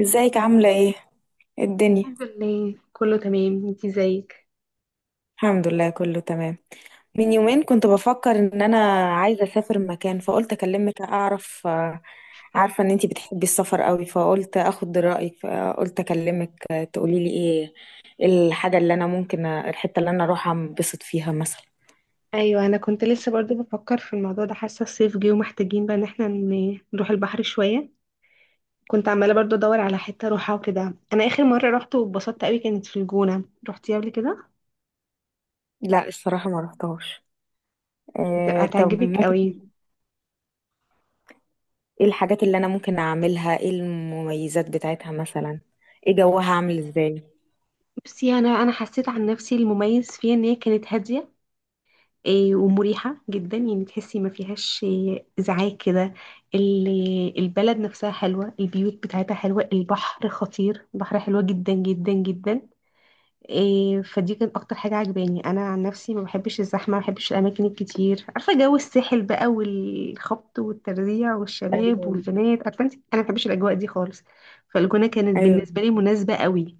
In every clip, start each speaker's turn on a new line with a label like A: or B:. A: ازيك عاملة ايه؟ إيه الدنيا؟
B: الحمد لله كله تمام، انتي ازيك؟
A: الحمد لله، كله تمام. من يومين كنت بفكر ان انا عايزة اسافر مكان، فقلت اكلمك اعرف، عارفة ان انتي بتحبي السفر قوي، فقلت اخد رأيك، فقلت اكلمك تقوليلي ايه. إيه الحاجة اللي انا ممكن الحتة اللي انا اروحها انبسط فيها مثلا؟
B: ايوه، انا كنت لسه برضو بفكر في الموضوع ده. حاسه الصيف جه ومحتاجين بقى ان احنا نروح البحر شويه. كنت عماله برضو ادور على حته اروحها وكده. انا اخر مره رحت واتبسطت قوي كانت في الجونه. رحتي قبل كده؟
A: لا الصراحة ما رحتهاش.
B: هتبقى
A: إيه؟ طب
B: هتعجبك
A: ممكن.
B: قوي.
A: ايه الحاجات اللي انا ممكن اعملها؟ ايه المميزات بتاعتها مثلا؟ ايه جوها عامل ازاي؟
B: بصي انا حسيت عن نفسي المميز فيها ان هي كانت هاديه، ومريحه جدا. يعني تحسي ما فيهاش ازعاج كده. البلد نفسها حلوه، البيوت بتاعتها حلوه، البحر خطير، البحر حلوه جدا جدا جدا. فدي كانت اكتر حاجه عجباني. انا عن نفسي ما بحبش الزحمه، ما بحبش الاماكن الكتير. عارفه جو الساحل بقى والخبط والترزيع والشباب والبنات؟ عارفه انت، انا ما بحبش الاجواء دي خالص. فالجونه كانت
A: ايوه.
B: بالنسبه لي مناسبه قوي.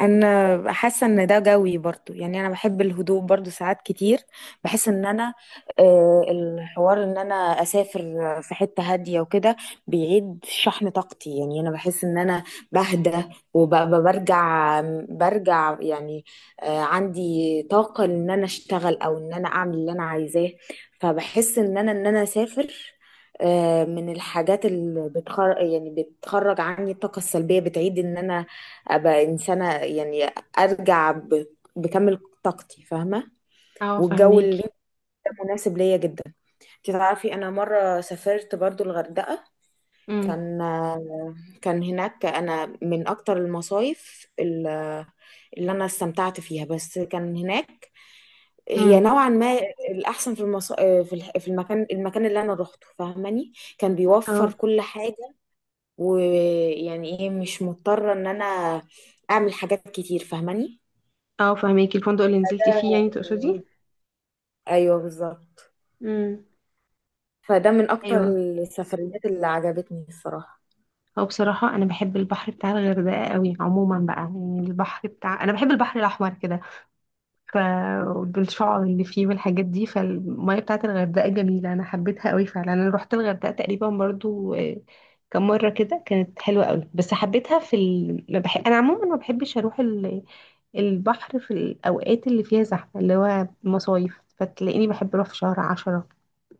A: انا حاسه ان ده جوي برضو، يعني انا بحب الهدوء برضو ساعات كتير. بحس ان انا الحوار ان انا اسافر في حته هاديه وكده بيعيد شحن طاقتي. يعني انا بحس ان انا بهدى وبرجع. برجع يعني عندي طاقه ان انا اشتغل او ان انا اعمل اللي انا عايزاه. فبحس ان انا اسافر من الحاجات اللي بتخرج، يعني بتخرج عني الطاقة السلبية، بتعيد ان انا ابقى انسانه، يعني ارجع بكامل طاقتي، فاهمه.
B: اه
A: والجو اللي
B: فهماكي.
A: ده مناسب ليا جدا. انت تعرفي انا مره سافرت برضو الغردقه.
B: امم.
A: كان كان هناك انا من اكتر المصايف اللي انا استمتعت فيها، بس كان هناك هي
B: امم.
A: نوعا ما الاحسن. في المص... في الح- في المكان المكان اللي انا روحته، فاهماني. كان بيوفر
B: اه.
A: كل حاجه، ويعني ايه، مش مضطره ان انا اعمل حاجات كتير، فاهماني.
B: اه فهماكي. الفندق اللي نزلتي فيه يعني تقصدي؟
A: ده- ايوه بالظبط.
B: امم.
A: فده من اكتر
B: ايوه.
A: السفريات اللي عجبتني الصراحه.
B: هو بصراحه انا بحب البحر بتاع الغردقه قوي عموما بقى. يعني البحر بتاع، انا بحب البحر الاحمر كده، ف بالشعر اللي فيه والحاجات دي. فالمية بتاعت الغردقة جميلة، أنا حبيتها قوي فعلا. أنا روحت الغردقة تقريبا برضو كم مرة كده. كانت حلوة قوي. بس حبيتها في ال... ما بح... أنا عموما ما بحبش أروح البحر في الأوقات اللي فيها زحمة، اللي هو مصايف. فتلاقيني بحب أروح في شهر عشرة،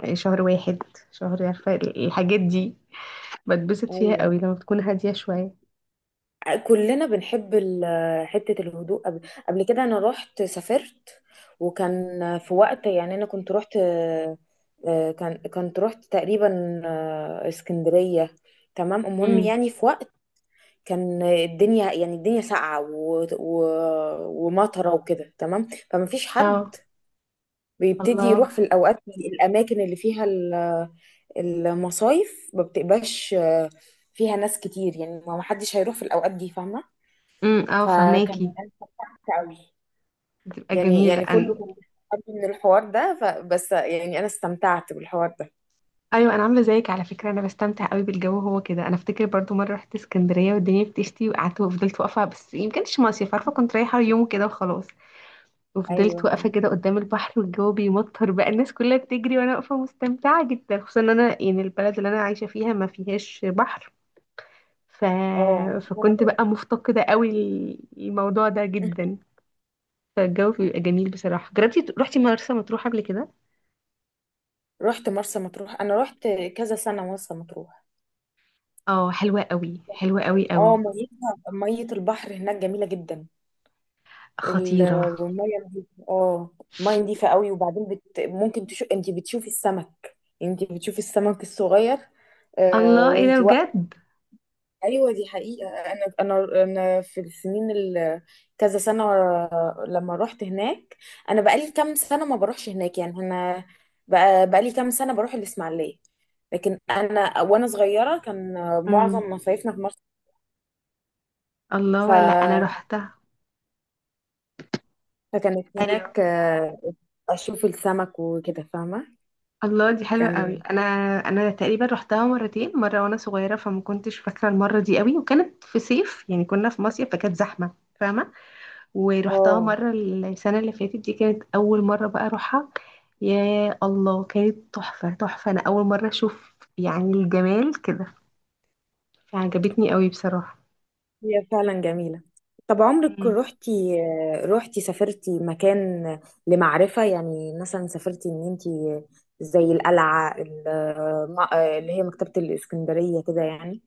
B: شهر واحد، شهر. عارفة الحاجات دي بتبسط فيها
A: ايوه.
B: قوي لما بتكون هادية شوية.
A: كلنا بنحب حته الهدوء. قبل كده انا رحت سافرت، وكان في وقت. يعني انا كنت رحت آه، كان كنت رحت تقريبا اسكندريه. تمام، المهم
B: امم.
A: يعني في وقت كان الدنيا، يعني الدنيا ساقعه ومطره وكده، تمام. فما فيش
B: اه.
A: حد بيبتدي
B: الله.
A: يروح في الاوقات، الاماكن اللي فيها المصايف ما بتبقاش فيها ناس كتير. يعني ما حدش هيروح في الأوقات دي، فاهمة؟
B: اه
A: فكان أنا
B: فهماكي.
A: استمتعت قوي.
B: بتبقى
A: يعني
B: جميلة
A: يعني كله
B: أنا.
A: كان بيستخبي من الحوار ده. فبس يعني أنا استمتعت بالحوار ده.
B: ايوه، انا عامله زيك على فكره. انا بستمتع قوي بالجو، هو كده. انا افتكر برضو مره رحت اسكندريه والدنيا بتشتي، وقعدت وفضلت واقفه. بس يمكنش كانش مصيف، عارفه، كنت رايحه يوم كده وخلاص. وفضلت واقفه
A: أيوه.
B: كده قدام البحر والجو بيمطر بقى، الناس كلها بتجري وانا واقفه مستمتعه جدا، خصوصا ان انا يعني البلد اللي انا عايشه فيها ما فيهاش بحر. ف...
A: اه وأنا
B: فكنت
A: برضه.
B: بقى مفتقده قوي الموضوع ده جدا. فالجو بيبقى جميل بصراحه. جربتي رحتي مرسى مطروح قبل كده؟
A: رحت مرسى مطروح. أنا رحت كذا سنة مرسى مطروح.
B: اه حلوه قوي، حلوه قوي
A: اه،
B: قوي.
A: ميتها مية البحر هناك جميلة جدا.
B: خطيره.
A: الميه نضيفة، اه. الميه نضيفة قوي. وبعدين انت بتشوفي السمك الصغير
B: الله، ايه ده
A: وانت واقفة.
B: بجد!
A: ايوه دي حقيقة. انا في السنين كذا سنة لما رحت هناك، انا بقالي كام سنة ما بروحش هناك. يعني انا بقالي كام سنة بروح الاسماعيلية. لكن انا وانا صغيرة كان معظم
B: امم.
A: مصايفنا في مصر. ف...
B: الله، لا انا روحتها.
A: فكانت
B: ايوه.
A: هناك اشوف السمك وكده، فاهمة.
B: الله، دي حلوه قوي.
A: كان.
B: انا انا تقريبا روحتها مرتين. مره وانا صغيره فما كنتش فاكره المره دي قوي، وكانت في صيف يعني كنا في مصيف فكانت زحمه، فاهمه. ورحتها
A: اه
B: مره السنه اللي فاتت، دي كانت اول مره بقى اروحها. يا الله، كانت تحفه تحفه. انا اول مره اشوف يعني الجمال كده، فعجبتني قوي بصراحه.
A: هي فعلا جميلة. طب عمرك روحتي؟ روحتي سافرتي مكان لمعرفة، يعني مثلا سافرتي ان انتي زي القلعة اللي هي مكتبة الإسكندرية كده يعني؟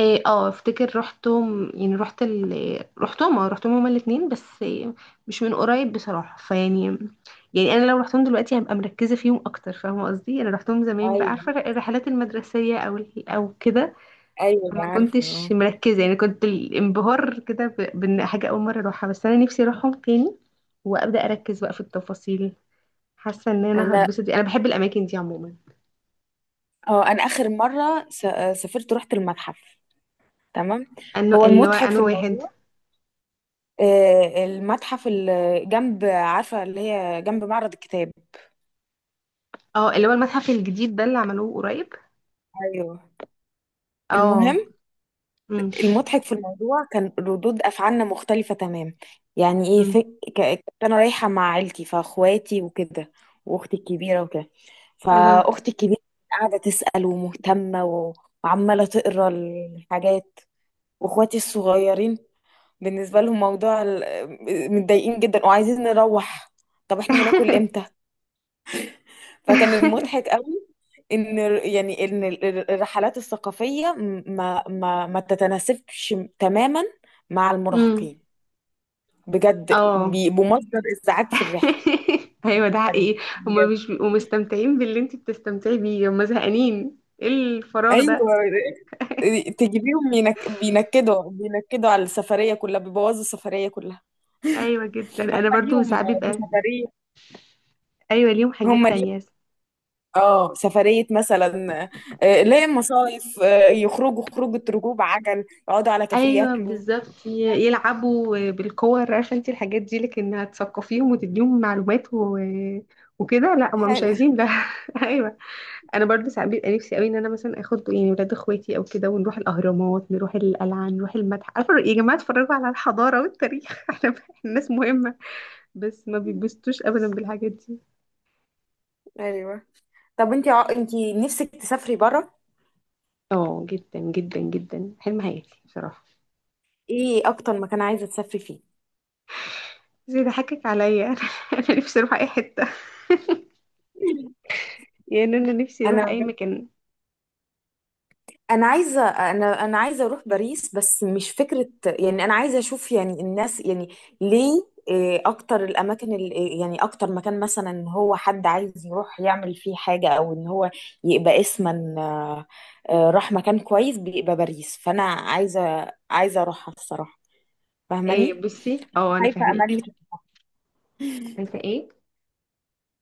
B: إيه، اه افتكر رحتهم. يعني رحت رحتهم. اه رحتهم هما الاتنين، بس إيه، مش من قريب بصراحة. فيعني يعني انا لو رحتهم دلوقتي هبقى مركزة فيهم اكتر، فاهمة قصدي؟ انا رحتهم زمان بقى، عارفة
A: ايوه،
B: الرحلات المدرسية او او كده.
A: ايوه،
B: فما
A: عارفة
B: كنتش
A: اه.
B: مركزة، يعني كنت الانبهار كده بان حاجة اول مرة اروحها. بس انا نفسي اروحهم تاني وابدا اركز بقى في التفاصيل. حاسة ان انا
A: انا
B: هتبسط، انا بحب الاماكن دي عموما.
A: اه انا اخر مره س- سافرت رحت المتحف، تمام.
B: انه
A: هو
B: اللي هو
A: المضحك في
B: انا واحد.
A: الموضوع المتحف اللي جنب، عارفه، اللي هي جنب معرض الكتاب.
B: اه اللي هو المتحف الجديد ده اللي عملوه قريب.
A: ايوه. المهم،
B: اه. امم.
A: المضحك في الموضوع كان ردود افعالنا مختلفه تمام. يعني ايه
B: امم.
A: كنت انا رايحه مع عيلتي، فاخواتي وكده، واختي الكبيره وكده.
B: اها.
A: فاختي الكبيره قاعده تسال ومهتمه وعماله تقرا الحاجات. واخواتي الصغيرين بالنسبه لهم موضوع متضايقين جدا وعايزين نروح. طب احنا هناكل امتى؟ فكان المضحك قوي ان يعني ان الرحلات الثقافيه ما تتناسبش تماما مع
B: امم.
A: المراهقين. بجد
B: اه.
A: بيبقوا مصدر ازعاج في الرحله.
B: ايوه ده
A: السفرية.
B: حقيقي. هما
A: بجد.
B: مش بيبقوا مستمتعين باللي انت بتستمتعي بيه. هما زهقانين، ايه الفراغ
A: ايوه
B: ده؟
A: تجيبيهم بينكدوا على السفريه كلها، بيبوظوا السفريه كلها.
B: ايوه جدا.
A: هم
B: انا برضو
A: ليهم
B: ساعات بيبقى.
A: سفريه.
B: ايوه ليهم
A: هم
B: حاجات
A: ليهم
B: تانية.
A: اه سفريه مثلا، ليه مصايف، يخرجوا خروجه، ركوب عجل، يقعدوا على كافيه
B: ايوه
A: ياكلوا.
B: بالظبط، يلعبوا بالكور عارفه انت الحاجات دي. لكن هتثقفيهم وتديهم معلومات وكده، لا هما مش
A: حلو.
B: عايزين ده. ايوه. انا برضه ساعات بيبقى نفسي قوي ان انا مثلا اخد يعني ولاد اخواتي او كده ونروح الاهرامات، نروح القلعه، نروح المتحف. عارفه، يا جماعه اتفرجوا على الحضاره والتاريخ. احنا الناس مهمه. بس ما بيتبسطوش ابدا بالحاجات دي.
A: ايوه. طب انت انت نفسك تسافري بره؟
B: اه جدا جدا جدا، حلم حياتي بصراحه.
A: ايه اكتر مكان عايزه تسافري فيه؟
B: بس بيضحكك عليا. انا نفسي اروح اي حته، يعني انا نفسي
A: انا
B: اروح اي
A: بجد-
B: مكان.
A: انا عايزه، انا عايزه اروح باريس. بس مش فكره، يعني انا عايزه اشوف يعني الناس يعني. ليه، اكتر الاماكن ال- إيه، يعني اكتر مكان مثلا ان هو حد عايز يروح يعمل فيه حاجه، او ان هو يبقى اسما راح مكان كويس بيبقى باريس. فانا عايزه اروحها الصراحه،
B: إيه
A: فاهماني.
B: بصي، اه انا
A: خايفه امل.
B: فاهماكي. عارفه ايه؟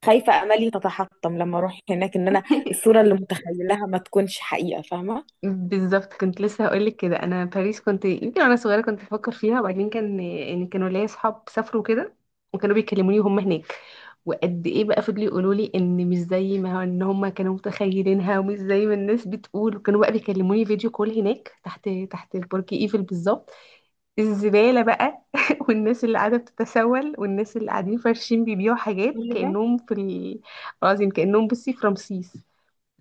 A: خايفة أملي تتحطم لما أروح هناك إن أنا الصورة اللي متخيلها ما تكونش حقيقة، فاهمة؟
B: بالظبط كنت لسه هقولك كده. انا باريس كنت يمكن وانا صغيره كنت بفكر فيها. وبعدين كان يعني كانوا ليا اصحاب سافروا كده وكانوا بيكلموني وهم هناك، وقد ايه بقى فضلوا يقولوا لي ان مش زي ما ان هم كانوا متخيلينها ومش زي ما الناس بتقول. وكانوا بقى بيكلموني فيديو كول هناك تحت، تحت برج ايفل بالظبط، الزباله بقى، والناس اللي قاعده بتتسول والناس اللي قاعدين فارشين بيبيعوا حاجات
A: اللي ده.
B: كانهم في العظيم، كانهم بصي في رمسيس.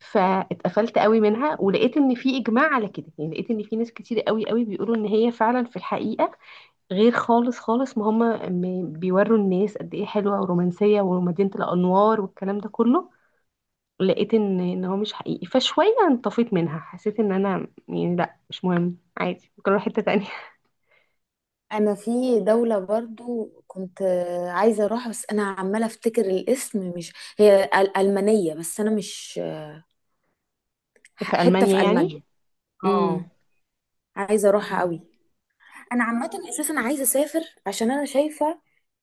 B: فاتقفلت قوي منها ولقيت ان في اجماع على كده. يعني لقيت ان في ناس كتير قوي قوي بيقولوا ان هي فعلا في الحقيقه غير خالص خالص. ما هم بيوروا الناس قد ايه حلوه ورومانسيه ومدينه الانوار والكلام ده كله. لقيت ان ان هو مش حقيقي، فشويه انطفيت منها. حسيت ان انا يعني لا مش مهم، عادي ممكن اروح حته تانية.
A: انا في دولة برضو كنت عايزة اروحها. بس انا عمالة افتكر الاسم، مش هي المانية. بس انا مش
B: في
A: حتة
B: المانيا
A: في
B: يعني.
A: المانيا.
B: امم.
A: اه، عايزة اروحها قوي. انا عامة اساسا عايزة اسافر عشان انا شايفة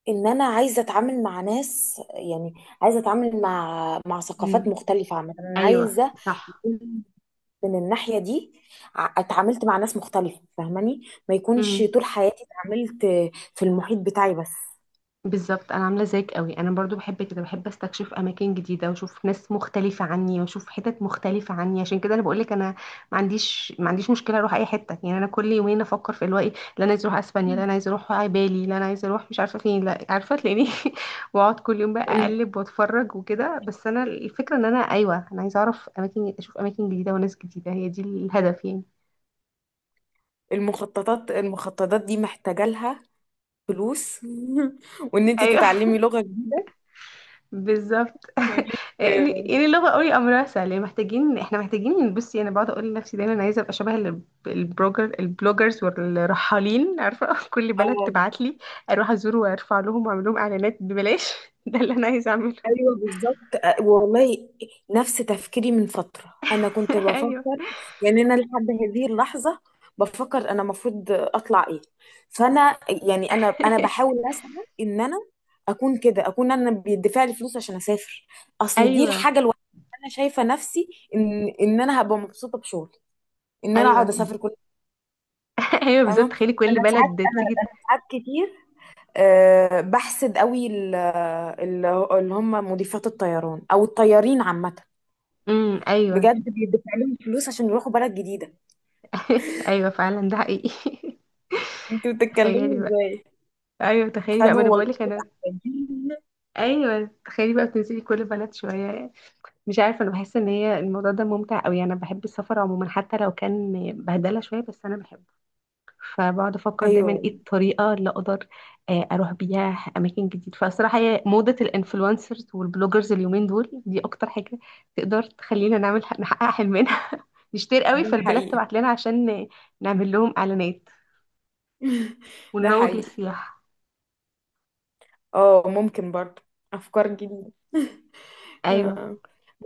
A: ان انا عايزة اتعامل مع ناس. يعني عايزة اتعامل مع ثقافات
B: امم.
A: مختلفة. عامة انا
B: ايوه
A: عايزة
B: صح.
A: من الناحية دي اتعاملت مع ناس مختلفة، فاهماني، ما يكونش
B: امم.
A: طول حياتي اتعاملت في المحيط بتاعي بس.
B: بالظبط، انا عامله زيك قوي. انا برضو بحب كده، بحب استكشف اماكن جديده واشوف ناس مختلفه عني واشوف حتت مختلفه عني. عشان كده انا بقول لك انا ما عنديش، ما عنديش مشكله اروح اي حته. يعني انا كل يومين افكر في اللي هو ايه. لا انا عايز اروح اسبانيا، لا انا عايز اروح بالي، لا انا عايز اروح مش عارفه فين، لا عارفه تلاقيني واقعد كل يوم بقى
A: ال-
B: اقلب واتفرج وكده. بس انا الفكره ان انا ايوه انا عايزه اعرف اماكن، اشوف اماكن جديده وناس جديده، هي دي الهدف يعني.
A: المخططات، دي محتاجة لها فلوس. وان انت
B: أيوة.
A: تتعلمي لغة جديدة.
B: بالظبط.
A: وان انت
B: يعني يعني اللغه قوي امرها سهل، يعني محتاجين احنا محتاجين. بصي انا بقعد اقول لنفسي دايما انا عايزه ابقى شبه البروجر، البلوجرز والرحالين. عارفه، كل بلد
A: اه،
B: تبعت لي اروح ازور وارفع لهم واعمل لهم اعلانات ببلاش. ده اللي انا عايزه اعمله.
A: ايوه بالظبط، والله نفس تفكيري. من فتره انا كنت
B: ايوه.
A: بفكر، يعني انا لحد هذه اللحظه بفكر انا المفروض اطلع ايه. فانا يعني انا بحاول اسعى ان انا اكون كده، اكون انا بيدفع لي فلوس عشان اسافر. اصل دي
B: ايوه.
A: الحاجه الوحيده. انا شايفه نفسي ان انا هبقى مبسوطه بشغلي، ان انا اقعد
B: ايوه.
A: اسافر كل،
B: ايوه
A: فاهمه.
B: بالظبط، تخيلي كل
A: انا ساعات،
B: بلد
A: انا
B: تيجي.
A: انا ساعات كتير بحسد قوي اللي هم مضيفات الطيران او الطيارين عامه.
B: امم. ايوه.
A: بجد بيدفع لهم فلوس عشان يروحوا بلد جديده.
B: ايوه فعلا ده حقيقي.
A: انتوا بتتكلموا
B: تخيلي بقى.
A: ازاي؟
B: ايوه تخيلي بقى، ما
A: خدوا
B: انا بقول لك انا.
A: وظيفتين.
B: ايوه تخيلي بقى بتنزلي كل بلد شويه. مش عارفه، انا بحس ان هي الموضوع ده ممتع قوي. انا بحب السفر عموما حتى لو كان بهدله شويه، بس انا بحبه. فبقعد افكر دايما
A: ايوه
B: ايه الطريقه اللي اقدر اروح بيها اماكن جديده. فصراحه هي موضه الانفلونسرز والبلوجرز اليومين دول دي اكتر حاجه تقدر تخلينا نعمل، نحقق حلمنا. نشتري قوي
A: ده
B: فالبلاد
A: حقيقي.
B: تبعت لنا عشان نعمل لهم اعلانات
A: ده
B: ونروج
A: حقيقي.
B: للسياحه.
A: اه ممكن برضه افكار جديده.
B: ايوه.
A: آه.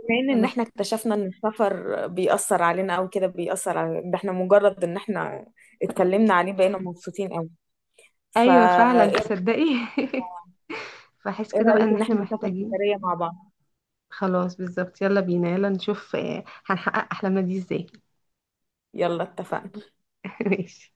A: بما ان
B: خلاص.
A: احنا اكتشفنا ان السفر بيأثر علينا او كده، بيأثر على ده. احنا مجرد ان احنا اتكلمنا عليه بقينا مبسوطين قوي.
B: ايوه فعلا
A: فايه، إيه؟
B: تصدقي. فاحس
A: إيه
B: كده بقى
A: رأيك
B: ان
A: ان
B: احنا
A: احنا نسافر
B: محتاجين.
A: سفرية مع بعض؟
B: خلاص بالظبط، يلا بينا، يلا نشوف هنحقق أحلامنا دي ازاي.
A: يلا اتفقنا.
B: ماشي.